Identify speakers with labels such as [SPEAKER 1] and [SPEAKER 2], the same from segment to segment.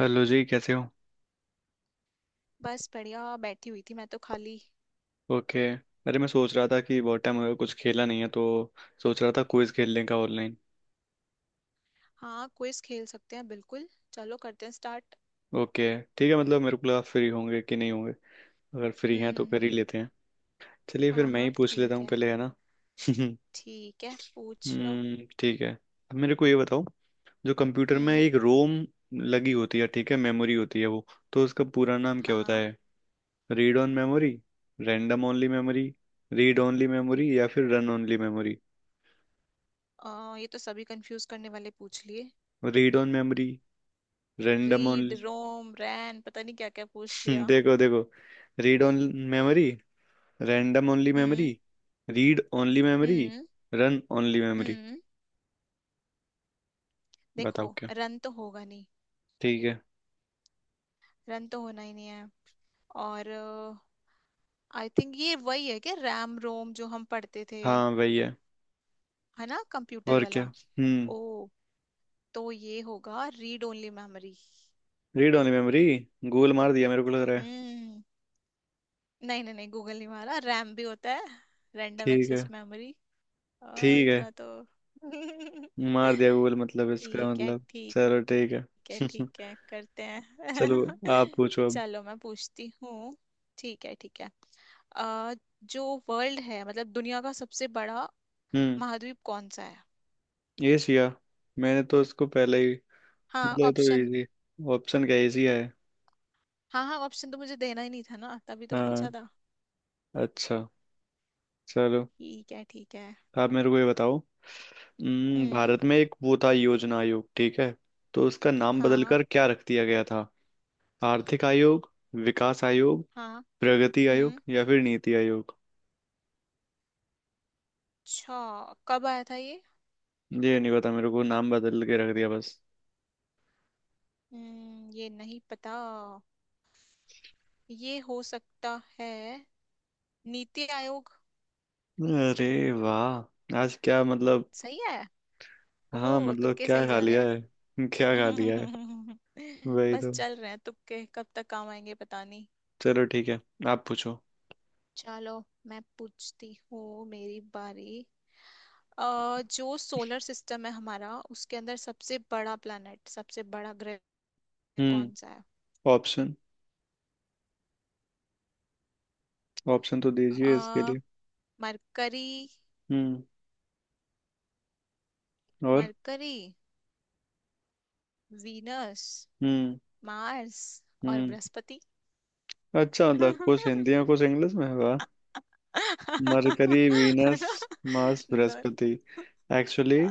[SPEAKER 1] Hello जी, कैसे हो।
[SPEAKER 2] बस बढ़िया बैठी हुई थी मैं तो खाली।
[SPEAKER 1] ओके। अरे, मैं सोच रहा था कि बहुत टाइम हो गया कुछ खेला नहीं है, तो सोच रहा था क्विज खेलने का ऑनलाइन।
[SPEAKER 2] हाँ, क्विज खेल सकते हैं, बिल्कुल। चलो करते हैं स्टार्ट।
[SPEAKER 1] ओके। ठीक है, मतलब मेरे को लगा फ्री होंगे कि नहीं होंगे। अगर फ्री
[SPEAKER 2] हम्म
[SPEAKER 1] हैं तो
[SPEAKER 2] हम्म
[SPEAKER 1] कर ही
[SPEAKER 2] हम्म।
[SPEAKER 1] लेते हैं। चलिए फिर
[SPEAKER 2] हाँ
[SPEAKER 1] मैं ही
[SPEAKER 2] हाँ,
[SPEAKER 1] पूछ लेता
[SPEAKER 2] ठीक
[SPEAKER 1] हूँ
[SPEAKER 2] है।
[SPEAKER 1] पहले, है ना।
[SPEAKER 2] ठीक है, पूछ लो।
[SPEAKER 1] हम्म, ठीक है। अब मेरे को ये बताओ, जो कंप्यूटर में
[SPEAKER 2] हम्म।
[SPEAKER 1] एक रोम लगी होती है, ठीक है, मेमोरी होती है वो, तो उसका पूरा नाम क्या होता
[SPEAKER 2] हाँ।
[SPEAKER 1] है। Read on memory, random only memory, read only memory या फिर रन ओनली मेमोरी।
[SPEAKER 2] ये तो सभी कंफ्यूज करने वाले पूछ लिए।
[SPEAKER 1] Read on memory, random.
[SPEAKER 2] Read ROM RAM पता नहीं क्या क्या पूछ लिया।
[SPEAKER 1] देखो देखो, read only memory, random only
[SPEAKER 2] hmm.
[SPEAKER 1] Memory, read only memory,
[SPEAKER 2] hmm.
[SPEAKER 1] Run only memory.
[SPEAKER 2] Hmm.
[SPEAKER 1] बताओ
[SPEAKER 2] देखो,
[SPEAKER 1] क्या।
[SPEAKER 2] रन तो होगा नहीं।
[SPEAKER 1] ठीक है।
[SPEAKER 2] रन तो होना ही नहीं है। और आई थिंक ये वही है क्या, रैम रोम जो हम पढ़ते थे।
[SPEAKER 1] हाँ, वही है।
[SPEAKER 2] है ना, कंप्यूटर
[SPEAKER 1] और
[SPEAKER 2] वाला।
[SPEAKER 1] क्या। हम्म,
[SPEAKER 2] ओ, तो ये होगा read only memory.
[SPEAKER 1] Read only memory. Google मार दिया मेरे को लग रहा है।
[SPEAKER 2] हम्म। नहीं नहीं नहीं, गूगल नहीं मारा, रैम भी होता है। रैंडम
[SPEAKER 1] ठीक है।
[SPEAKER 2] Access memory.
[SPEAKER 1] ठीक है।
[SPEAKER 2] इतना तो।
[SPEAKER 1] मार दिया गूगल, मतलब इसका
[SPEAKER 2] ठीक है।
[SPEAKER 1] मतलब।
[SPEAKER 2] ठीक
[SPEAKER 1] चलो ठीक है।
[SPEAKER 2] है ठीक है करते हैं।
[SPEAKER 1] चलो, आप पूछो अब।
[SPEAKER 2] चलो मैं पूछती हूँ। ठीक है ठीक है। अ, जो वर्ल्ड है मतलब दुनिया का सबसे बड़ा
[SPEAKER 1] हम्म।
[SPEAKER 2] महाद्वीप कौन सा है।
[SPEAKER 1] एशिया। मैंने तो इसको पहले ही
[SPEAKER 2] हाँ,
[SPEAKER 1] मतलब, ये तो
[SPEAKER 2] ऑप्शन।
[SPEAKER 1] इजी। ऑप्शन क्या, एशिया है।
[SPEAKER 2] हाँ हाँ, ऑप्शन तो मुझे देना ही नहीं था ना, तभी तो
[SPEAKER 1] हाँ।
[SPEAKER 2] पूछा था।
[SPEAKER 1] अच्छा। चलो।
[SPEAKER 2] ठीक है ठीक है।
[SPEAKER 1] आप मेरे को ये बताओ,
[SPEAKER 2] हम्म।
[SPEAKER 1] भारत में एक वो था योजना आयोग, ठीक है, तो उसका नाम
[SPEAKER 2] हाँ।
[SPEAKER 1] बदलकर क्या रख दिया गया था। आर्थिक आयोग, विकास आयोग,
[SPEAKER 2] हाँ।
[SPEAKER 1] प्रगति आयोग
[SPEAKER 2] हम्म।
[SPEAKER 1] या फिर नीति आयोग।
[SPEAKER 2] अच्छा। कब आया था ये।
[SPEAKER 1] ये नहीं पता मेरे को, नाम बदल के रख दिया बस।
[SPEAKER 2] हम्म, ये नहीं पता। ये हो सकता है नीति आयोग।
[SPEAKER 1] अरे वाह, आज क्या मतलब।
[SPEAKER 2] सही है।
[SPEAKER 1] हाँ
[SPEAKER 2] ओ,
[SPEAKER 1] मतलब,
[SPEAKER 2] तुक्के
[SPEAKER 1] क्या
[SPEAKER 2] सही
[SPEAKER 1] खा
[SPEAKER 2] जा रहे
[SPEAKER 1] लिया है।
[SPEAKER 2] हैं।
[SPEAKER 1] क्या खा लिया है। वही
[SPEAKER 2] बस
[SPEAKER 1] तो।
[SPEAKER 2] चल रहे हैं तुक्के, कब तक काम आएंगे पता नहीं।
[SPEAKER 1] चलो ठीक है। आप पूछो।
[SPEAKER 2] चलो मैं पूछती हूँ, मेरी बारी। जो सोलर सिस्टम है हमारा, उसके अंदर सबसे बड़ा प्लैनेट, सबसे बड़ा ग्रह कौन सा
[SPEAKER 1] हम्म।
[SPEAKER 2] है।
[SPEAKER 1] ऑप्शन, ऑप्शन तो
[SPEAKER 2] अ
[SPEAKER 1] दीजिए इसके लिए।
[SPEAKER 2] मरकरी।
[SPEAKER 1] हम्म। और।
[SPEAKER 2] Mercury, Venus,
[SPEAKER 1] hmm.
[SPEAKER 2] मार्स और
[SPEAKER 1] हम्म।
[SPEAKER 2] बृहस्पति।
[SPEAKER 1] अच्छा मतलब, कुछ हिंदी
[SPEAKER 2] है
[SPEAKER 1] में कुछ इंग्लिश में होगा। मरकरी, वीनस,
[SPEAKER 2] ना।
[SPEAKER 1] मार्स,
[SPEAKER 2] दोनों।
[SPEAKER 1] बृहस्पति। एक्चुअली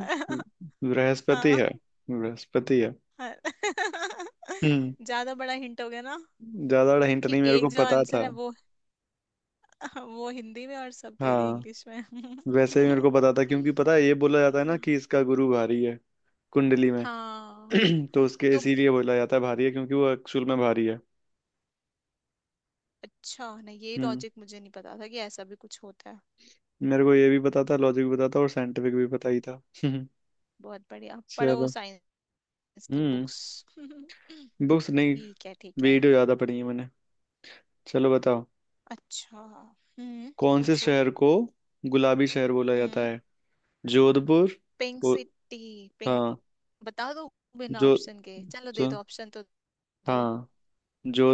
[SPEAKER 1] बृहस्पति
[SPEAKER 2] हाँ।
[SPEAKER 1] है। बृहस्पति है।
[SPEAKER 2] हाँ।
[SPEAKER 1] हम्म।
[SPEAKER 2] ज्यादा बड़ा हिंट हो गया ना।
[SPEAKER 1] ज्यादा हिंट
[SPEAKER 2] कि
[SPEAKER 1] नहीं, मेरे
[SPEAKER 2] एक
[SPEAKER 1] को
[SPEAKER 2] जो
[SPEAKER 1] पता
[SPEAKER 2] आंसर
[SPEAKER 1] था।
[SPEAKER 2] है वो हिंदी में, और सब दे दिए
[SPEAKER 1] हाँ,
[SPEAKER 2] इंग्लिश में।
[SPEAKER 1] वैसे ही मेरे को पता था, क्योंकि पता है ये बोला जाता है ना कि इसका गुरु भारी है कुंडली में।
[SPEAKER 2] हाँ।
[SPEAKER 1] तो उसके
[SPEAKER 2] तो
[SPEAKER 1] इसीलिए बोला जाता है भारी है, क्योंकि वो एक्चुअल में भारी है।
[SPEAKER 2] अच्छा, नहीं ये
[SPEAKER 1] हम्म।
[SPEAKER 2] लॉजिक मुझे नहीं पता था कि ऐसा भी कुछ होता है।
[SPEAKER 1] मेरे को ये भी पता था, लॉजिक भी पता था और साइंटिफिक भी पता ही था।
[SPEAKER 2] बहुत बढ़िया, पढ़ो
[SPEAKER 1] चलो।
[SPEAKER 2] साइंस की
[SPEAKER 1] हम्म।
[SPEAKER 2] बुक्स।
[SPEAKER 1] बुक्स नहीं,
[SPEAKER 2] ठीक है ठीक है।
[SPEAKER 1] वीडियो ज्यादा पढ़ी है मैंने। चलो बताओ।
[SPEAKER 2] अच्छा। हम्म
[SPEAKER 1] कौन से
[SPEAKER 2] पूछो।
[SPEAKER 1] शहर को गुलाबी शहर बोला जाता
[SPEAKER 2] हम्म।
[SPEAKER 1] है। Jodhpur.
[SPEAKER 2] Pink
[SPEAKER 1] uh,
[SPEAKER 2] city. Pink.
[SPEAKER 1] हाँ।
[SPEAKER 2] बता दो बिना
[SPEAKER 1] जो,
[SPEAKER 2] ऑप्शन के, चलो दे
[SPEAKER 1] जो
[SPEAKER 2] दो ऑप्शन तो दो।
[SPEAKER 1] हाँ,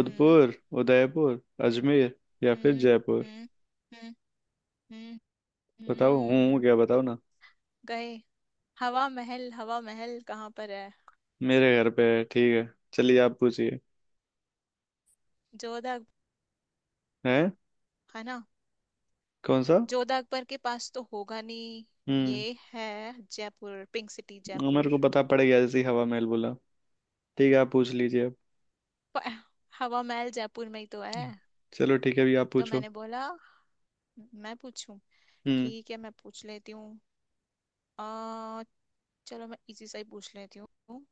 [SPEAKER 2] हम्म
[SPEAKER 1] उदयपुर, अजमेर या फिर
[SPEAKER 2] हम्म
[SPEAKER 1] जयपुर।
[SPEAKER 2] हम्म हम्म हम्म
[SPEAKER 1] बताओ हूँ,
[SPEAKER 2] हम्म।
[SPEAKER 1] क्या बताओ ना।
[SPEAKER 2] गए। हवा महल, हवा महल कहाँ पर है।
[SPEAKER 1] मेरे घर पे है, ठीक है। चलिए आप पूछिए।
[SPEAKER 2] जोधा,
[SPEAKER 1] हैं।
[SPEAKER 2] है ना।
[SPEAKER 1] कौन सा।
[SPEAKER 2] जोधा अकबर के पास तो होगा नहीं।
[SPEAKER 1] हम्म।
[SPEAKER 2] ये है जयपुर, पिंक सिटी जयपुर।
[SPEAKER 1] मेरे को पता पड़ गया जैसे ही हवा महल बोला। ठीक है, आप पूछ लीजिए अब।
[SPEAKER 2] प- हवा महल जयपुर में ही तो है।
[SPEAKER 1] चलो ठीक है, अभी आप
[SPEAKER 2] तो
[SPEAKER 1] पूछो।
[SPEAKER 2] मैंने बोला, मैं पूछूं।
[SPEAKER 1] हम्म।
[SPEAKER 2] ठीक है, मैं पूछ लेती हूँ। चलो मैं इजी सा ही पूछ लेती हूँ। हम्म।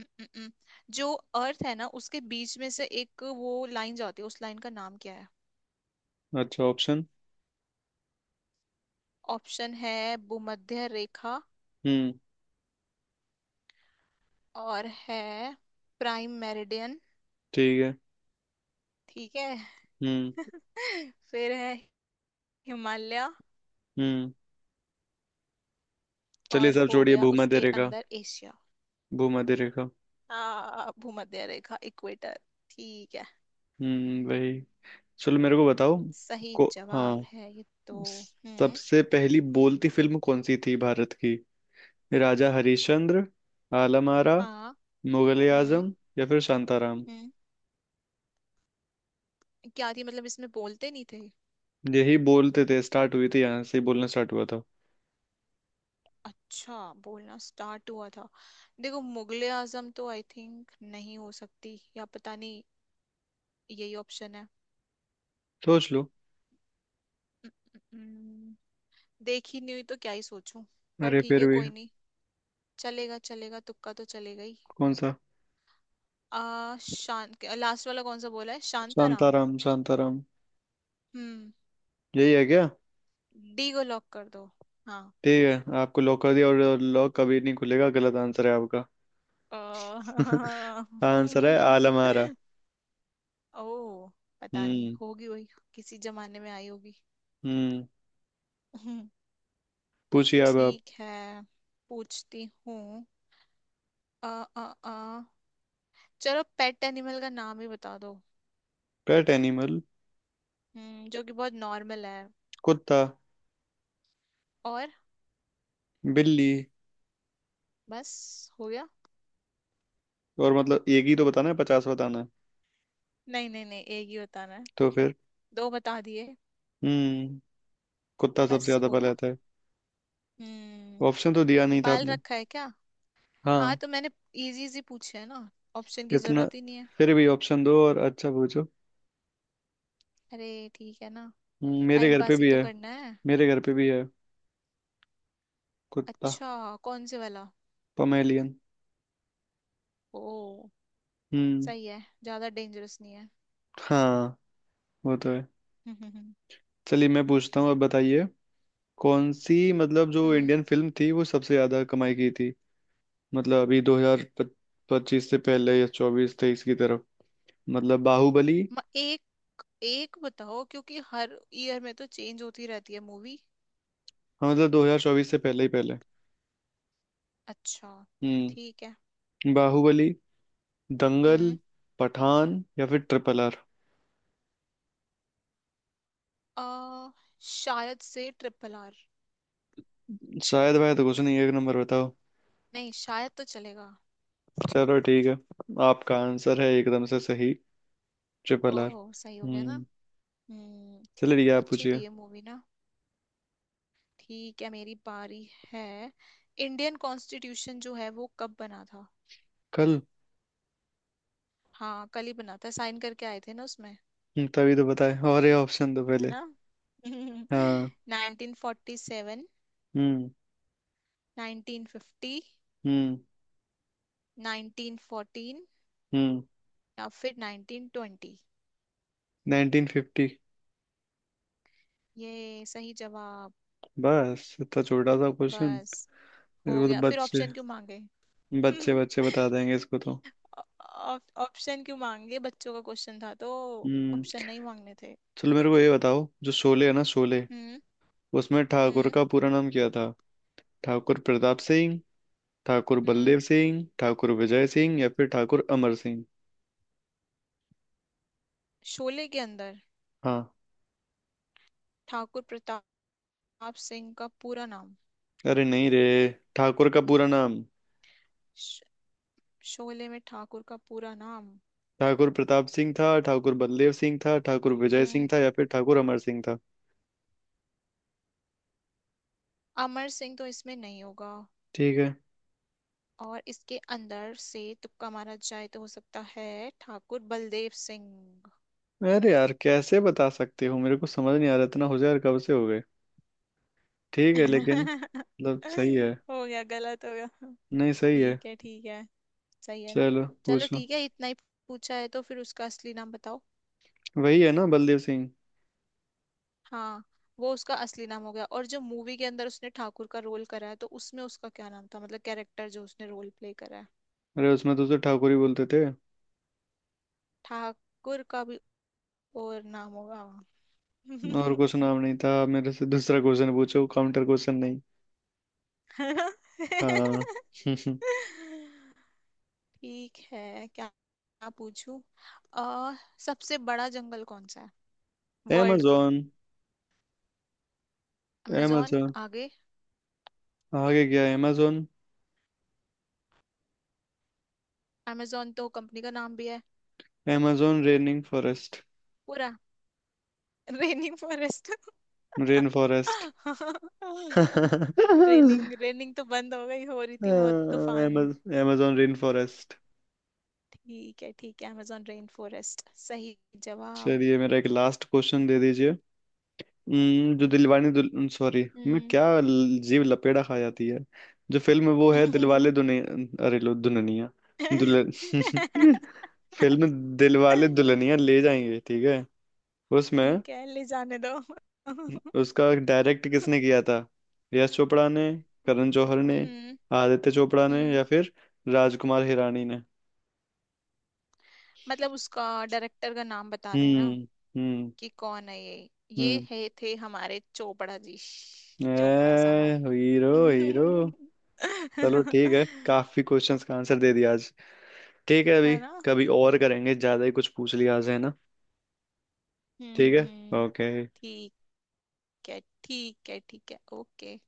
[SPEAKER 2] हम्म। हम्म। जो अर्थ है ना, उसके बीच में से एक वो लाइन जाती है, उस लाइन का नाम क्या है।
[SPEAKER 1] अच्छा, ऑप्शन।
[SPEAKER 2] ऑप्शन है भूमध्य रेखा।
[SPEAKER 1] हम्म।
[SPEAKER 2] और है प्राइम मेरिडियन।
[SPEAKER 1] ठीक है।
[SPEAKER 2] ठीक है।
[SPEAKER 1] हम्म।
[SPEAKER 2] फिर है हिमालय।
[SPEAKER 1] हम्म। चलिए
[SPEAKER 2] और
[SPEAKER 1] सब
[SPEAKER 2] हो
[SPEAKER 1] छोड़िए,
[SPEAKER 2] गया
[SPEAKER 1] भूमध्य
[SPEAKER 2] उसके
[SPEAKER 1] रेखा।
[SPEAKER 2] अंदर एशिया।
[SPEAKER 1] भूमध्य रेखा।
[SPEAKER 2] आ भूमध्य रेखा, इक्वेटर। ठीक है।
[SPEAKER 1] हम्म, वही। चलो मेरे को बताओ।
[SPEAKER 2] सही
[SPEAKER 1] को।
[SPEAKER 2] जवाब
[SPEAKER 1] हाँ,
[SPEAKER 2] है ये तो। हम्म।
[SPEAKER 1] सबसे पहली बोलती फिल्म कौन सी थी भारत की। राजा हरिश्चंद्र, आलम आरा,
[SPEAKER 2] हाँ।
[SPEAKER 1] मुगले
[SPEAKER 2] हम्म।
[SPEAKER 1] आजम या फिर शांताराम।
[SPEAKER 2] हम्म क्या थी, मतलब इसमें बोलते नहीं थे।
[SPEAKER 1] यही बोलते थे, स्टार्ट हुई थी यहाँ से ही, बोलना स्टार्ट हुआ था।
[SPEAKER 2] अच्छा, बोलना स्टार्ट हुआ था। देखो, मुगले आजम तो आई थिंक नहीं हो सकती, या पता नहीं। यही ऑप्शन है।
[SPEAKER 1] सोच लो।
[SPEAKER 2] हम्म, देखी नहीं हुई तो क्या ही सोचूं। पर
[SPEAKER 1] अरे
[SPEAKER 2] ठीक
[SPEAKER 1] फिर
[SPEAKER 2] है,
[SPEAKER 1] भी।
[SPEAKER 2] कोई नहीं। चलेगा चलेगा, तुक्का तो चलेगा ही।
[SPEAKER 1] कौन सा।
[SPEAKER 2] आ शांत, लास्ट वाला कौन सा बोला है, शांताराम।
[SPEAKER 1] शांताराम, शांताराम
[SPEAKER 2] हम्म।
[SPEAKER 1] यही है क्या।
[SPEAKER 2] डी को लॉक कर दो। हाँ।
[SPEAKER 1] ठीक है, आपको लॉक कर दिया और लॉक कभी नहीं खुलेगा, गलत आंसर है आपका।
[SPEAKER 2] अ-
[SPEAKER 1] आंसर है आलम आरा।
[SPEAKER 2] ओ, पता नहीं
[SPEAKER 1] हम्म।
[SPEAKER 2] होगी वही। किसी जमाने में आई होगी।
[SPEAKER 1] हम्म। पूछिए अब आप।
[SPEAKER 2] ठीक है, पूछती हूँ। अ अ अ चलो पेट एनिमल का नाम ही बता दो।
[SPEAKER 1] Pet animal.
[SPEAKER 2] जो कि बहुत नॉर्मल है।
[SPEAKER 1] कुत्ता।
[SPEAKER 2] और।
[SPEAKER 1] बिल्ली।
[SPEAKER 2] बस हो गया।
[SPEAKER 1] और मतलब एक ही तो बताना है, पचास बताना है।
[SPEAKER 2] नहीं नहीं नहीं, एक ही बताना है।
[SPEAKER 1] तो फिर।
[SPEAKER 2] दो बता दिए।
[SPEAKER 1] हम्म। कुत्ता सबसे
[SPEAKER 2] बस
[SPEAKER 1] ज्यादा
[SPEAKER 2] हो
[SPEAKER 1] पहले
[SPEAKER 2] गया।
[SPEAKER 1] आता है।
[SPEAKER 2] हम्म।
[SPEAKER 1] ऑप्शन तो दिया नहीं था
[SPEAKER 2] पाल
[SPEAKER 1] आपने।
[SPEAKER 2] रखा है क्या। हाँ,
[SPEAKER 1] हाँ।
[SPEAKER 2] तो मैंने इजी इजी पूछे है ना। ऑप्शन की
[SPEAKER 1] इतना।
[SPEAKER 2] जरूरत ही नहीं है।
[SPEAKER 1] फिर भी ऑप्शन दो और अच्छा पूछो।
[SPEAKER 2] अरे, ठीक है ना।
[SPEAKER 1] मेरे
[SPEAKER 2] टाइम
[SPEAKER 1] घर पे
[SPEAKER 2] पास ही
[SPEAKER 1] भी
[SPEAKER 2] तो
[SPEAKER 1] है।
[SPEAKER 2] करना है।
[SPEAKER 1] मेरे घर पे भी है। कुत्ता।
[SPEAKER 2] अच्छा, कौन से वाला।
[SPEAKER 1] पमेलियन।
[SPEAKER 2] ओ,
[SPEAKER 1] हम्म।
[SPEAKER 2] सही है, ज्यादा डेंजरस नहीं है।
[SPEAKER 1] हाँ, वो तो है।
[SPEAKER 2] हम्म।
[SPEAKER 1] चलिए मैं पूछता हूँ, अब बताइए। कौन सी मतलब, जो इंडियन फिल्म थी वो सबसे ज्यादा कमाई की थी। मतलब अभी 2025 से पहले, या 2024 2023 की तरफ, मतलब बाहुबली।
[SPEAKER 2] एक एक बताओ, क्योंकि हर ईयर में तो चेंज होती रहती है मूवी।
[SPEAKER 1] हाँ मतलब, 2024 से पहले ही पहले।
[SPEAKER 2] अच्छा।
[SPEAKER 1] हम्म।
[SPEAKER 2] ठीक है।
[SPEAKER 1] बाहुबली, दंगल,
[SPEAKER 2] हम्म।
[SPEAKER 1] पठान या फिर ट्रिपल आर।
[SPEAKER 2] आ, शायद से ट्रिपल आर।
[SPEAKER 1] शायद भाई तो कुछ नहीं, एक नंबर बताओ।
[SPEAKER 2] नहीं, शायद तो चलेगा।
[SPEAKER 1] चलो ठीक है। आपका आंसर है एकदम से सही, ट्रिपल आर।
[SPEAKER 2] ओह, सही हो गया ना।
[SPEAKER 1] हम्म।
[SPEAKER 2] हम्म।
[SPEAKER 1] चलो ठीक है, आप
[SPEAKER 2] अच्छी
[SPEAKER 1] पूछिए।
[SPEAKER 2] थी ये मूवी ना। ठीक है, मेरी बारी है। इंडियन कॉन्स्टिट्यूशन जो है वो कब बना था।
[SPEAKER 1] कल।
[SPEAKER 2] हाँ कल ही बना था, साइन करके आए थे ना उसमें,
[SPEAKER 1] तभी तो बताए, और ये ऑप्शन तो
[SPEAKER 2] है
[SPEAKER 1] पहले।
[SPEAKER 2] ना।
[SPEAKER 1] हाँ।
[SPEAKER 2] 1947,
[SPEAKER 1] हम्म।
[SPEAKER 2] 1950,
[SPEAKER 1] हम्म।
[SPEAKER 2] 1914
[SPEAKER 1] हम्म।
[SPEAKER 2] या फिर 1920।
[SPEAKER 1] 1950।
[SPEAKER 2] ये सही जवाब।
[SPEAKER 1] बस इतना छोटा सा क्वेश्चन,
[SPEAKER 2] बस हो
[SPEAKER 1] इसको तो
[SPEAKER 2] गया, फिर
[SPEAKER 1] बच्चे,
[SPEAKER 2] ऑप्शन क्यों मांगे।
[SPEAKER 1] बच्चे बच्चे बता देंगे इसको तो।
[SPEAKER 2] ऑप्शन क्यों मांगे, बच्चों का क्वेश्चन था तो
[SPEAKER 1] हम्म।
[SPEAKER 2] ऑप्शन नहीं मांगने थे।
[SPEAKER 1] चलो मेरे को ये बताओ, जो शोले है ना, शोले,
[SPEAKER 2] हम्म।
[SPEAKER 1] उसमें ठाकुर
[SPEAKER 2] हम्म।
[SPEAKER 1] का पूरा नाम क्या था। ठाकुर प्रताप सिंह, ठाकुर
[SPEAKER 2] हम्म।
[SPEAKER 1] बलदेव सिंह, ठाकुर विजय सिंह या फिर ठाकुर अमर सिंह।
[SPEAKER 2] शोले के अंदर।
[SPEAKER 1] हाँ।
[SPEAKER 2] ठाकुर प्रताप सिंह का पूरा नाम।
[SPEAKER 1] अरे नहीं रे, ठाकुर का पूरा नाम।
[SPEAKER 2] श- शोले में ठाकुर का पूरा नाम।
[SPEAKER 1] ठाकुर प्रताप सिंह था, ठाकुर बलदेव सिंह था, ठाकुर विजय सिंह
[SPEAKER 2] हम्म
[SPEAKER 1] था या फिर ठाकुर अमर सिंह था।
[SPEAKER 2] अमर सिंह तो इसमें नहीं होगा।
[SPEAKER 1] ठीक है।
[SPEAKER 2] और इसके अंदर से तुक्का मारा जाए तो हो सकता है ठाकुर बलदेव सिंह।
[SPEAKER 1] अरे यार, कैसे बता सकते हो, मेरे को समझ नहीं आ रहा, इतना हो जाए यार, कब से हो गए। ठीक है लेकिन, मतलब सही है।
[SPEAKER 2] हो गया, गलत हो गया।
[SPEAKER 1] नहीं सही है।
[SPEAKER 2] ठीक है ठीक है, सही है ना।
[SPEAKER 1] चलो
[SPEAKER 2] चलो
[SPEAKER 1] पूछो।
[SPEAKER 2] ठीक है, इतना ही पूछा है तो फिर उसका असली नाम बताओ।
[SPEAKER 1] वही है ना, बलदेव सिंह।
[SPEAKER 2] हाँ, वो उसका असली नाम हो गया, और जो मूवी के अंदर उसने ठाकुर का रोल करा है, तो उसमें उसका क्या नाम था, मतलब कैरेक्टर जो उसने रोल प्ले करा है।
[SPEAKER 1] अरे उसमें तो उसे ठाकुर ही बोलते थे।
[SPEAKER 2] ठाकुर का भी और नाम होगा।
[SPEAKER 1] और कुछ नाम नहीं था, मेरे से दूसरा क्वेश्चन पूछो, काउंटर क्वेश्चन नहीं। हाँ।
[SPEAKER 2] ठीक है, क्या क्या पूछूं। अ सबसे बड़ा जंगल कौन सा है। वर्ल्ड का।
[SPEAKER 1] amazon।
[SPEAKER 2] अमेजोन।
[SPEAKER 1] amazon।
[SPEAKER 2] आगे।
[SPEAKER 1] आगे गया amazon।
[SPEAKER 2] amazon तो कंपनी का नाम भी है।
[SPEAKER 1] amazon raining forest.
[SPEAKER 2] पूरा। Raining forest.
[SPEAKER 1] Rain forest.
[SPEAKER 2] Raining, raining तो बंद हो गई, हो रही थी बहुत तूफान।
[SPEAKER 1] amazon रेन फॉरेस्ट।
[SPEAKER 2] ठीक है ठीक है, amazon रेन फॉरेस्ट सही जवाब।
[SPEAKER 1] चलिए मेरा एक लास्ट क्वेश्चन दे दीजिए। जो दिलवाने दुल, सॉरी, मैं
[SPEAKER 2] हम्म।
[SPEAKER 1] क्या जीव लपेड़ा खा जाती है। जो फिल्म है वो है दिलवाले दुनिया, अरे लो, दुल्हनिया, दुल्हन। फिल्म दिलवाले दुल्हनिया ले जाएंगे, ठीक है। उसमें
[SPEAKER 2] ठीक है, ले जाने दो। हम्म।
[SPEAKER 1] उसका डायरेक्ट किसने किया था। यश चोपड़ा ने, करण जौहर ने, आदित्य चोपड़ा ने
[SPEAKER 2] हम्म
[SPEAKER 1] या फिर राजकुमार हिरानी ने।
[SPEAKER 2] मतलब उसका डायरेक्टर का नाम बताना है ना,
[SPEAKER 1] हम्म। हम्म।
[SPEAKER 2] कि कौन है ये। ये
[SPEAKER 1] हम्म।
[SPEAKER 2] है थे हमारे चोपड़ा जी, श्श्श, चोपड़ा
[SPEAKER 1] ए
[SPEAKER 2] साहब।
[SPEAKER 1] Hero, hero.
[SPEAKER 2] हम्म।
[SPEAKER 1] चलो ठीक है, काफी क्वेश्चंस का आंसर दे दिया आज। ठीक है अभी,
[SPEAKER 2] है ना।
[SPEAKER 1] कभी और करेंगे, ज्यादा ही कुछ पूछ लिया आज, है ना।
[SPEAKER 2] हम्म
[SPEAKER 1] ठीक
[SPEAKER 2] हम्म
[SPEAKER 1] है।
[SPEAKER 2] हम्म,
[SPEAKER 1] ओके।
[SPEAKER 2] ठीक है। ठीक है ठीक है ओके।